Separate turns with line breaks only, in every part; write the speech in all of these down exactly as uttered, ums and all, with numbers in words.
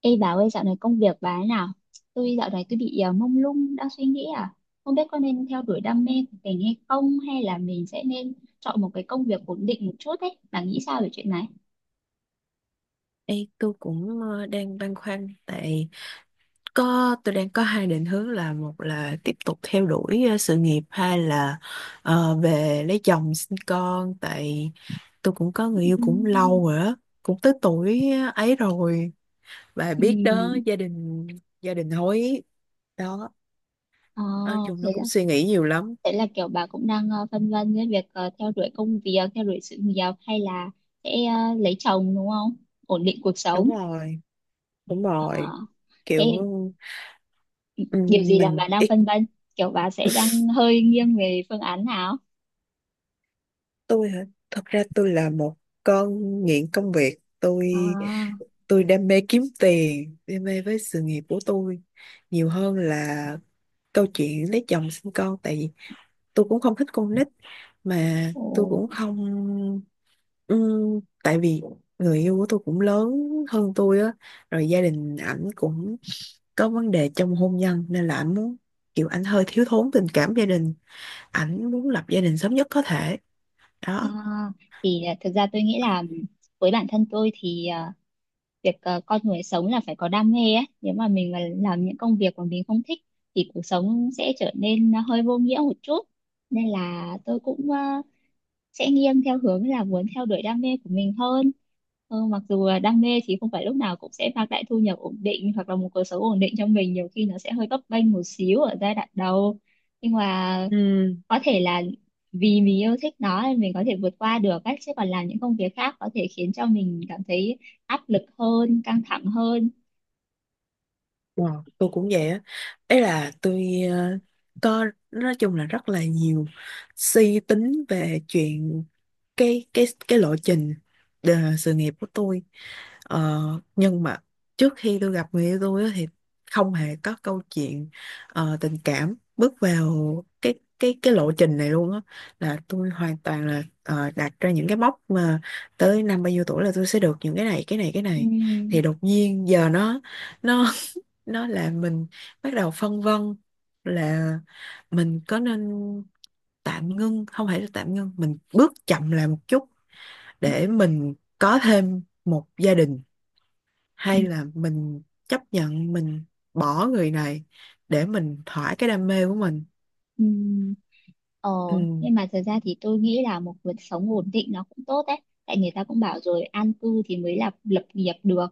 Ê bà ơi, dạo này công việc bà thế nào? Tôi dạo này tôi bị ờ, mông lung đang suy nghĩ, à không biết có nên theo đuổi đam mê của mình hay không, hay là mình sẽ nên chọn một cái công việc ổn định một chút ấy. Bà nghĩ sao về chuyện này?
Ê, tôi cũng ờ, đang băn khoăn tại có tôi đang có hai định hướng là một là tiếp tục theo đuổi ờ, sự nghiệp, hai là ờ, về lấy chồng sinh con tại tôi cũng có người yêu cũng
Ừm.
lâu rồi á, cũng tới tuổi ấy rồi, bà biết đó,
Ừm.
gia đình gia đình hối đó,
Ờ.
nói chung
thế
nó
là
cũng suy nghĩ nhiều lắm.
thế là kiểu bà cũng đang ờ, phân vân với việc ờ, theo đuổi công việc, theo đuổi sự nghiệp, hay là sẽ ờ, lấy chồng đúng không? Ổn định cuộc
đúng
sống.
rồi đúng
Ờ,
rồi
thế
kiểu
điều
ừm,
gì làm
mình
bà đang
ít.
phân vân? Kiểu bà sẽ đang hơi nghiêng về phương án nào?
Tôi hả? Thật ra tôi là một con nghiện công việc. tôi
À.
tôi đam mê kiếm tiền, đam mê với sự nghiệp của tôi nhiều hơn là câu chuyện lấy chồng sinh con. Tại vì tôi cũng không thích con nít mà
Ồ.
tôi cũng không. Ừm, tại vì người yêu của tôi cũng lớn hơn tôi á, rồi gia đình ảnh cũng có vấn đề trong hôn nhân nên là ảnh muốn kiểu ảnh hơi thiếu thốn tình cảm gia đình, ảnh muốn lập gia đình sớm nhất có thể
Ờ,
đó.
thì à, thực ra tôi nghĩ là với bản thân tôi thì à, việc à, con người sống là phải có đam mê ấy. Nếu mà mình mà làm những công việc mà mình không thích thì cuộc sống sẽ trở nên hơi vô nghĩa một chút. Nên là tôi cũng à, sẽ nghiêng theo hướng là muốn theo đuổi đam mê của mình hơn. Ờ, mặc dù là đam mê thì không phải lúc nào cũng sẽ mang lại thu nhập ổn định hoặc là một cuộc sống ổn định cho mình. Nhiều khi nó sẽ hơi bấp bênh một xíu ở giai đoạn đầu. Nhưng mà
Ừ.
có thể là vì mình yêu thích nó nên mình có thể vượt qua được ấy, chứ còn làm những công việc khác có thể khiến cho mình cảm thấy áp lực hơn, căng thẳng hơn.
Wow, tôi cũng vậy á. Ấy là tôi ờ, có, nói chung là rất là nhiều suy tính về chuyện cái cái cái lộ trình ờ, sự nghiệp của tôi. Ờ, nhưng mà trước khi tôi gặp người yêu tôi á, thì không hề có câu chuyện ờ, tình cảm bước vào cái cái cái lộ trình này luôn á, là tôi hoàn toàn là ờ, đặt ra những cái mốc mà tới năm bao nhiêu tuổi là tôi sẽ được những cái này cái này cái này.
Ừm.
Thì đột nhiên giờ nó nó nó là mình bắt đầu phân vân là mình có nên tạm ngưng, không phải là tạm ngưng, mình bước chậm lại một chút để mình có thêm một gia đình, hay là mình chấp nhận mình bỏ người này để mình thỏa cái đam mê của mình.
Ừ. Ờ,
Ừ.
nhưng mà thật ra thì tôi nghĩ là một cuộc sống ổn định nó cũng tốt đấy. Tại người ta cũng bảo rồi, an cư thì mới là lập nghiệp được.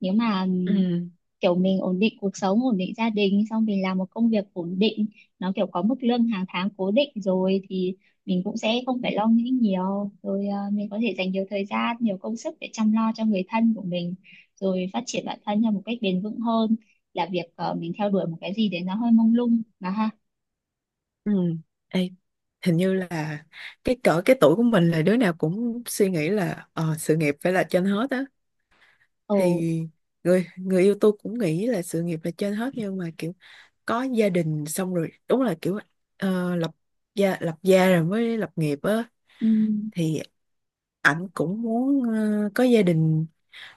Nếu mà ừm,
Ừ.
kiểu mình ổn định cuộc sống, ổn định gia đình, xong mình làm một công việc ổn định, nó kiểu có mức lương hàng tháng cố định rồi thì mình cũng sẽ không phải lo nghĩ nhiều. Rồi ờ, mình có thể dành nhiều thời gian, nhiều công sức để chăm lo cho người thân của mình, rồi phát triển bản thân theo một cách bền vững hơn là việc ờ, mình theo đuổi một cái gì đấy nó hơi mông lung mà ha.
Ừ. Ê, hình như là cái cỡ cái tuổi của mình là đứa nào cũng suy nghĩ là ờ, sự nghiệp phải là trên hết á.
Ồ.
Thì người người yêu tôi cũng nghĩ là sự nghiệp là trên hết, nhưng mà kiểu có gia đình xong rồi, đúng là kiểu ờ, lập gia lập gia rồi mới lập nghiệp á.
Ừ.
Thì ảnh cũng muốn ờ, có gia đình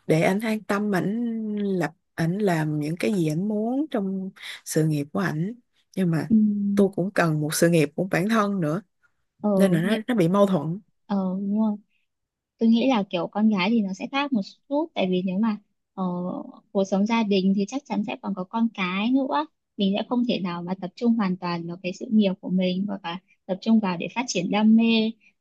để ảnh an tâm, ảnh lập ảnh làm những cái gì ảnh muốn trong sự nghiệp của ảnh. Nhưng mà
Ừ.
tôi cũng cần một sự nghiệp của bản thân nữa, nên
Ờ,
là nó
nhẹ.
nó bị mâu thuẫn.
Ờ, đúng rồi. Tôi nghĩ là kiểu con gái thì nó sẽ khác một chút, tại vì nếu mà ờ, cuộc sống gia đình thì chắc chắn sẽ còn có con cái nữa, mình sẽ không thể nào mà tập trung hoàn toàn vào cái sự nghiệp của mình hoặc là tập trung vào để phát triển đam mê,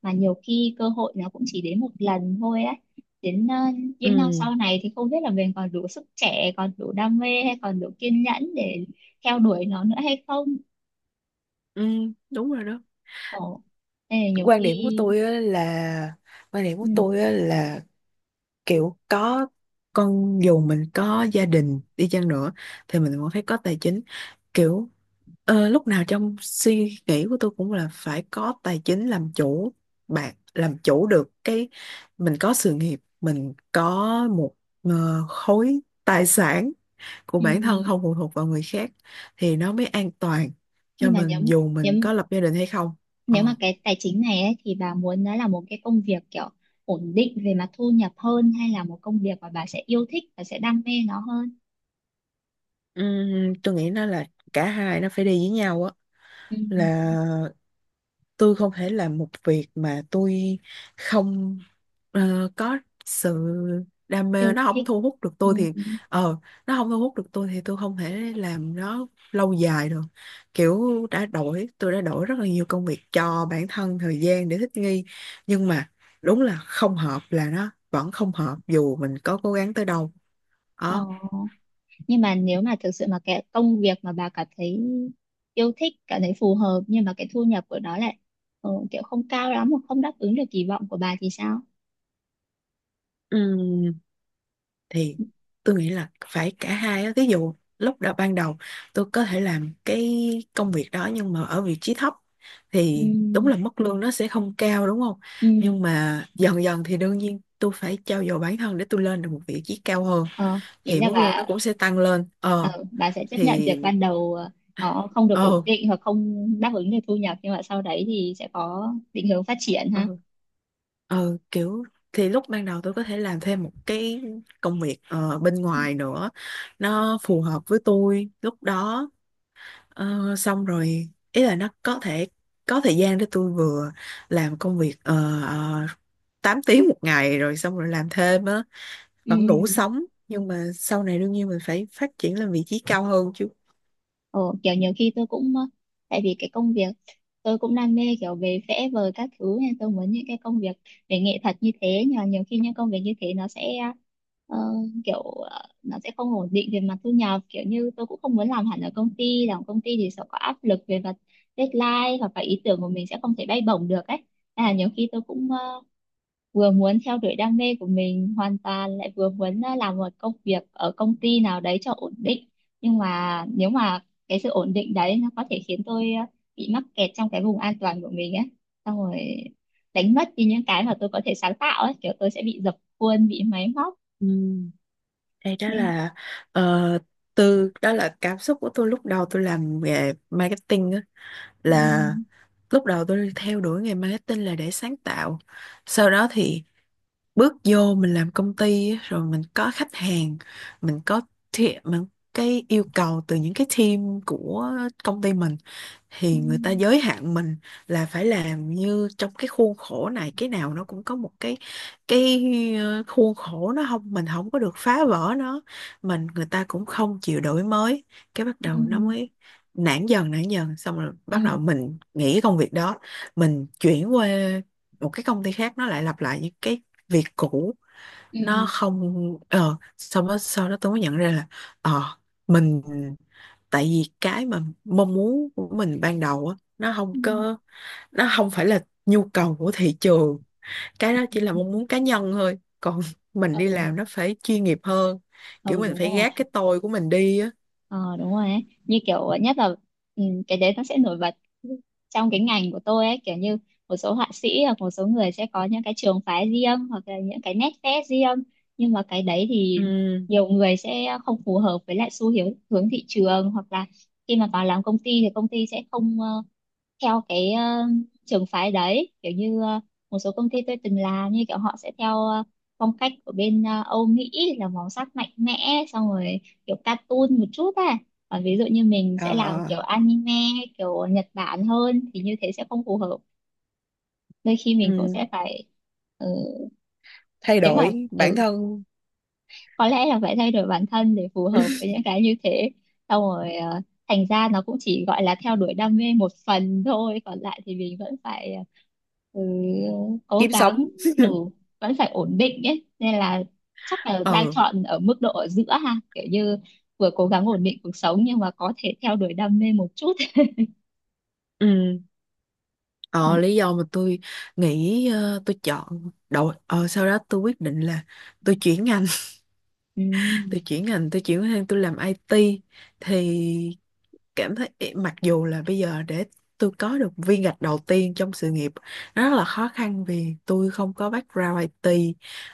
mà nhiều khi cơ hội nó cũng chỉ đến một lần thôi á. Đến ờ, những năm
Ừ.
sau này thì không biết là mình còn đủ sức trẻ, còn đủ đam mê hay còn đủ kiên nhẫn để theo đuổi nó nữa hay không.
Ừ, đúng rồi đó.
Ồ, nên là nhiều
Quan điểm của
khi.
tôi á là quan điểm của
Ừ.
tôi á là kiểu có con, dù mình có gia đình đi chăng nữa, thì mình cũng phải có tài chính. Kiểu ờ, lúc nào trong suy nghĩ của tôi cũng là phải có tài chính làm chủ, bạn làm chủ được cái mình có sự nghiệp, mình có một ờ, khối tài sản của
Ừ.
bản thân không phụ thuộc vào người khác thì nó mới an toàn cho
Nhưng mà nếu
mình, dù
nếu
mình có lập gia đình hay không.
Nếu mà
Ờ.
cái tài chính này ấy, thì bà muốn nó là một cái công việc kiểu ổn định về mặt thu nhập hơn, hay là một công việc mà bà sẽ yêu thích và sẽ đam mê nó hơn?
Ừm, tôi nghĩ nó là cả hai, nó phải đi với nhau á.
Ừ,
Là tôi không thể làm một việc mà tôi không ờ, có sự đam mê,
yêu
nó không
thích.
thu hút được
Ừ.
tôi thì ờ, nó không thu hút được tôi thì tôi không thể làm nó lâu dài được. Kiểu đã đổi tôi đã đổi rất là nhiều công việc cho bản thân, thời gian để thích nghi, nhưng mà đúng là không hợp là nó vẫn không hợp dù mình có cố gắng tới đâu
Ờ.
đó.
Nhưng mà nếu mà thực sự mà cái công việc mà bà cảm thấy yêu thích, cảm thấy phù hợp nhưng mà cái thu nhập của nó lại ờ, kiểu không cao lắm hoặc không đáp ứng được kỳ vọng của bà thì sao?
Ừ, thì tôi nghĩ là phải cả hai á. Ví dụ lúc đầu ban đầu tôi có thể làm cái công việc đó nhưng mà ở vị trí thấp thì đúng là
Ừ.
mức lương nó sẽ không cao, đúng không?
Ừ.
Nhưng mà dần dần thì đương nhiên tôi phải trau dồi bản thân để tôi lên được một vị trí cao hơn,
Ờ, ý
thì
là
mức lương nó
bà
cũng sẽ tăng lên. Ờ,
ờ, bà sẽ chấp nhận
thì
việc ban đầu ờ, nó không được ổn
ờ
định hoặc không đáp ứng được thu nhập nhưng mà sau đấy thì sẽ có định hướng phát triển
ờ
ha.
ờ kiểu thì lúc ban đầu tôi có thể làm thêm một cái công việc ờ, bên ngoài nữa, nó phù hợp với tôi lúc đó. Ờ, xong rồi ý là nó có thể có thời gian để tôi vừa làm công việc uh, tám tiếng một ngày rồi xong rồi làm thêm á,
Ừ.
vẫn đủ sống, nhưng mà sau này đương nhiên mình phải phát triển lên vị trí cao hơn chứ.
Ờ, kiểu nhiều khi tôi cũng ờ, tại vì cái công việc tôi cũng đam mê kiểu về vẽ vời các thứ, nên tôi muốn những cái công việc về nghệ thuật như thế, nhưng mà nhiều khi những công việc như thế nó sẽ ờ, kiểu ờ, nó sẽ không ổn định về mặt thu nhập, kiểu như tôi cũng không muốn làm hẳn ở công ty, làm công ty thì sẽ có áp lực về mặt deadline hoặc là ý tưởng của mình sẽ không thể bay bổng được ấy. Nên là nhiều khi tôi cũng vừa muốn theo đuổi đam mê của mình hoàn toàn, lại vừa muốn à, làm một công việc ở công ty nào đấy cho ổn định, nhưng mà nếu mà cái sự ổn định đấy nó có thể khiến tôi à, bị mắc kẹt trong cái vùng an toàn của mình ấy, xong rồi đánh mất đi những cái mà tôi có thể sáng tạo ấy, kiểu tôi sẽ bị dập khuôn, bị máy móc
Ừ. Đây đó
nên.
là ờ, từ đó là cảm xúc của tôi lúc đầu tôi làm nghề marketing á, là
Ừm.
lúc đầu tôi theo đuổi nghề marketing là để sáng tạo. Sau đó thì bước vô mình làm công ty á, rồi mình có khách hàng, mình có thi- mình cái yêu cầu từ những cái team của công ty mình thì người ta
Ừm.
giới hạn mình là phải làm như trong cái khuôn khổ này, cái nào nó cũng có một cái cái ờ, khuôn khổ, nó không mình không có được phá vỡ nó, mình người ta cũng không chịu đổi mới. Cái bắt đầu nó
Ừm.
mới nản dần nản dần xong rồi bắt đầu
Ừm.
mình nghỉ cái công việc đó, mình chuyển qua một cái công ty khác, nó lại lặp lại những cái việc cũ. Nó
Ừm.
không ờ, xong đó sau đó tôi mới nhận ra là ờ mình, tại vì cái mà mong muốn của mình ban đầu á nó không
Ừm.
có, nó không phải là nhu cầu của thị trường, cái đó chỉ là mong muốn cá nhân thôi, còn mình đi
Ừ.
làm nó phải chuyên nghiệp hơn, kiểu
Ừ,
mình
đúng
phải gác
rồi.
cái tôi của mình đi á.
Ờ, đúng rồi ấy. Như kiểu nhất là, ừ, cái đấy nó sẽ nổi bật trong cái ngành của tôi ấy, kiểu như một số họa sĩ hoặc một số người sẽ có những cái trường phái riêng hoặc là những cái nét vẽ riêng. Nhưng mà cái đấy thì
Ừ.
nhiều người sẽ không phù hợp với lại xu hướng hướng thị trường, hoặc là khi mà vào làm công ty thì công ty sẽ không ờ, theo cái ờ, trường phái đấy, kiểu như ờ, một số công ty tôi từng làm như kiểu họ sẽ theo ờ, phong cách của bên ờ, Âu Mỹ, là màu sắc mạnh mẽ, xong rồi kiểu cartoon một chút, à còn ví dụ như mình sẽ
Ờ.
làm
Ờ,
kiểu anime hay kiểu Nhật Bản hơn thì như thế sẽ không phù hợp, đôi khi mình cũng
ừ,
sẽ phải ừ,
thay
nếu mà
đổi bản
ừ,
thân.
có lẽ là phải thay đổi bản thân để phù hợp với những cái như thế, xong rồi ờ, thành ra nó cũng chỉ gọi là theo đuổi đam mê một phần thôi, còn lại thì mình vẫn phải ờ, ừ, cố
Kiếm
gắng,
sống.
ừ, vẫn phải ổn định ấy, nên là chắc là đang
Ừ.
chọn ở mức độ ở giữa ha, kiểu như vừa cố gắng ổn định cuộc sống nhưng mà có thể theo đuổi đam mê một chút
Ừ.
ừ.
Ờ, lý do mà tôi nghĩ ờ, tôi chọn đầu ờ, sau đó tôi quyết định là tôi chuyển ngành.
Ừ.
Tôi chuyển ngành, tôi chuyển sang tôi làm i tê thì cảm thấy mặc dù là bây giờ để tôi có được viên gạch đầu tiên trong sự nghiệp nó rất là khó khăn vì tôi không có background i tê,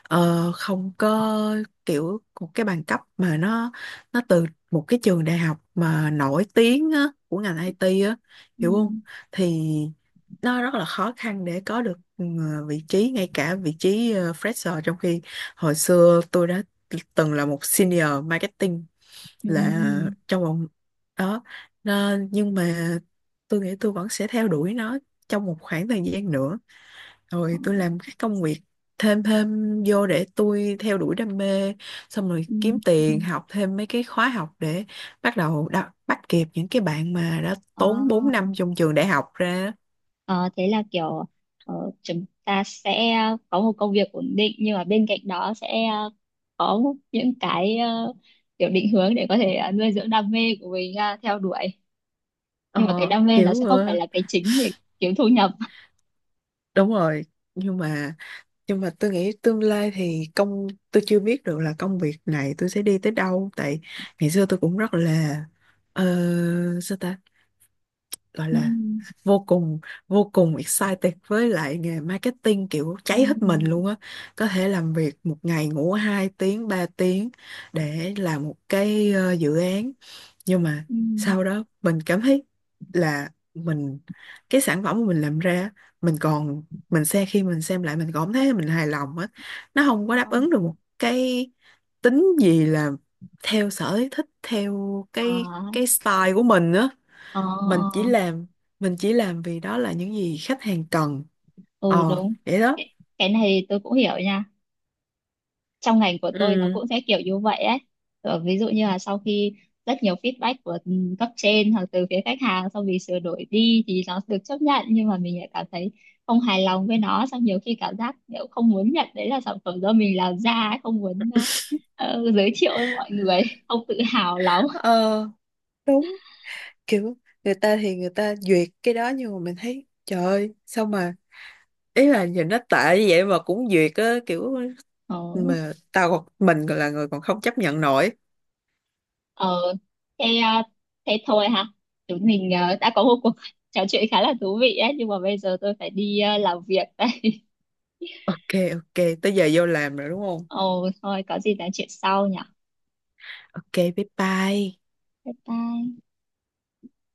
ờ, không có kiểu một cái bằng cấp mà nó nó từ một cái trường đại học mà nổi tiếng á, của ngành ai ti á,
Ừ.
hiểu không? Thì nó rất là khó khăn để có được ừ, vị trí, ngay cả vị trí ờ, fresher, trong khi hồi xưa tôi đã từng là một senior marketing,
Ừ.
là trong vòng đó. Đó, nhưng mà tôi nghĩ tôi vẫn sẽ theo đuổi nó trong một khoảng thời gian nữa,
Ờ.
rồi tôi làm các công việc thêm thêm vô để tôi theo đuổi đam mê, xong rồi
Ừ.
kiếm
Ừ.
tiền học thêm mấy cái khóa học để bắt đầu đa- bắt kịp những cái bạn mà đã
Ờ.
tốn bốn năm trong trường đại học ra.
Ờ, thế là kiểu ờ, chúng ta sẽ có một công việc ổn định nhưng mà bên cạnh đó sẽ ờ, có những cái ờ, kiểu định hướng để có thể ờ, nuôi dưỡng đam mê của mình ờ, theo đuổi, nhưng mà cái
Ờ
đam mê nó
kiểu
sẽ không phải
ờ,
là cái chính để kiếm thu nhập.
đúng rồi. Nhưng mà nhưng mà tôi nghĩ tương lai thì công tôi chưa biết được là công việc này tôi sẽ đi tới đâu tại ngày xưa tôi cũng rất là ờ, sao ta gọi
Ừ.
là vô cùng vô cùng excited với lại nghề marketing, kiểu cháy hết mình
Ừ.
luôn á. Có thể làm việc một ngày ngủ hai tiếng ba tiếng để làm một cái ờ, dự án, nhưng mà
Ừ.
sau đó mình cảm thấy là mình cái sản phẩm mà mình làm ra mình còn mình xem khi mình xem lại mình còn thấy mình hài lòng á, nó không có
Ờ.
đáp ứng được một cái tính gì là theo sở thích, theo
Ờ.
cái cái style của mình á.
Ờ.
mình chỉ
Ờ.
làm mình chỉ làm vì đó là những gì khách hàng cần.
Ừ,
Ờ,
đúng.
vậy đó.
Cái cái này tôi cũng hiểu nha, trong ngành của tôi nó
Ừ,
cũng sẽ kiểu như vậy ấy. Ờ, ví dụ như là sau khi rất nhiều feedback của ừ, cấp trên hoặc từ phía khách hàng, xong vì sửa đổi đi thì nó được chấp nhận, nhưng mà mình lại cảm thấy không hài lòng với nó, xong nhiều khi cảm giác kiểu không muốn nhận đấy là sản phẩm do mình làm ra ấy, không muốn ờ, ờ, giới thiệu với mọi người không tự hào lắm.
ờ đúng. Kiểu người ta thì người ta duyệt cái đó nhưng mà mình thấy trời ơi sao mà, ý là nhìn nó tệ như vậy mà cũng duyệt á kiểu,
ờ,
mà tao còn mình còn là người còn không chấp nhận nổi.
ờ, thế ờ, thế thôi ha, chúng mình ờ, đã có một cuộc trò chuyện khá là thú vị ấy, nhưng mà bây giờ tôi phải đi ờ, làm việc đây.
OK. OK, tới giờ vô làm rồi đúng không?
Ồ, thôi có gì nói chuyện sau nhỉ.
OK, bye bye.
Bye bye.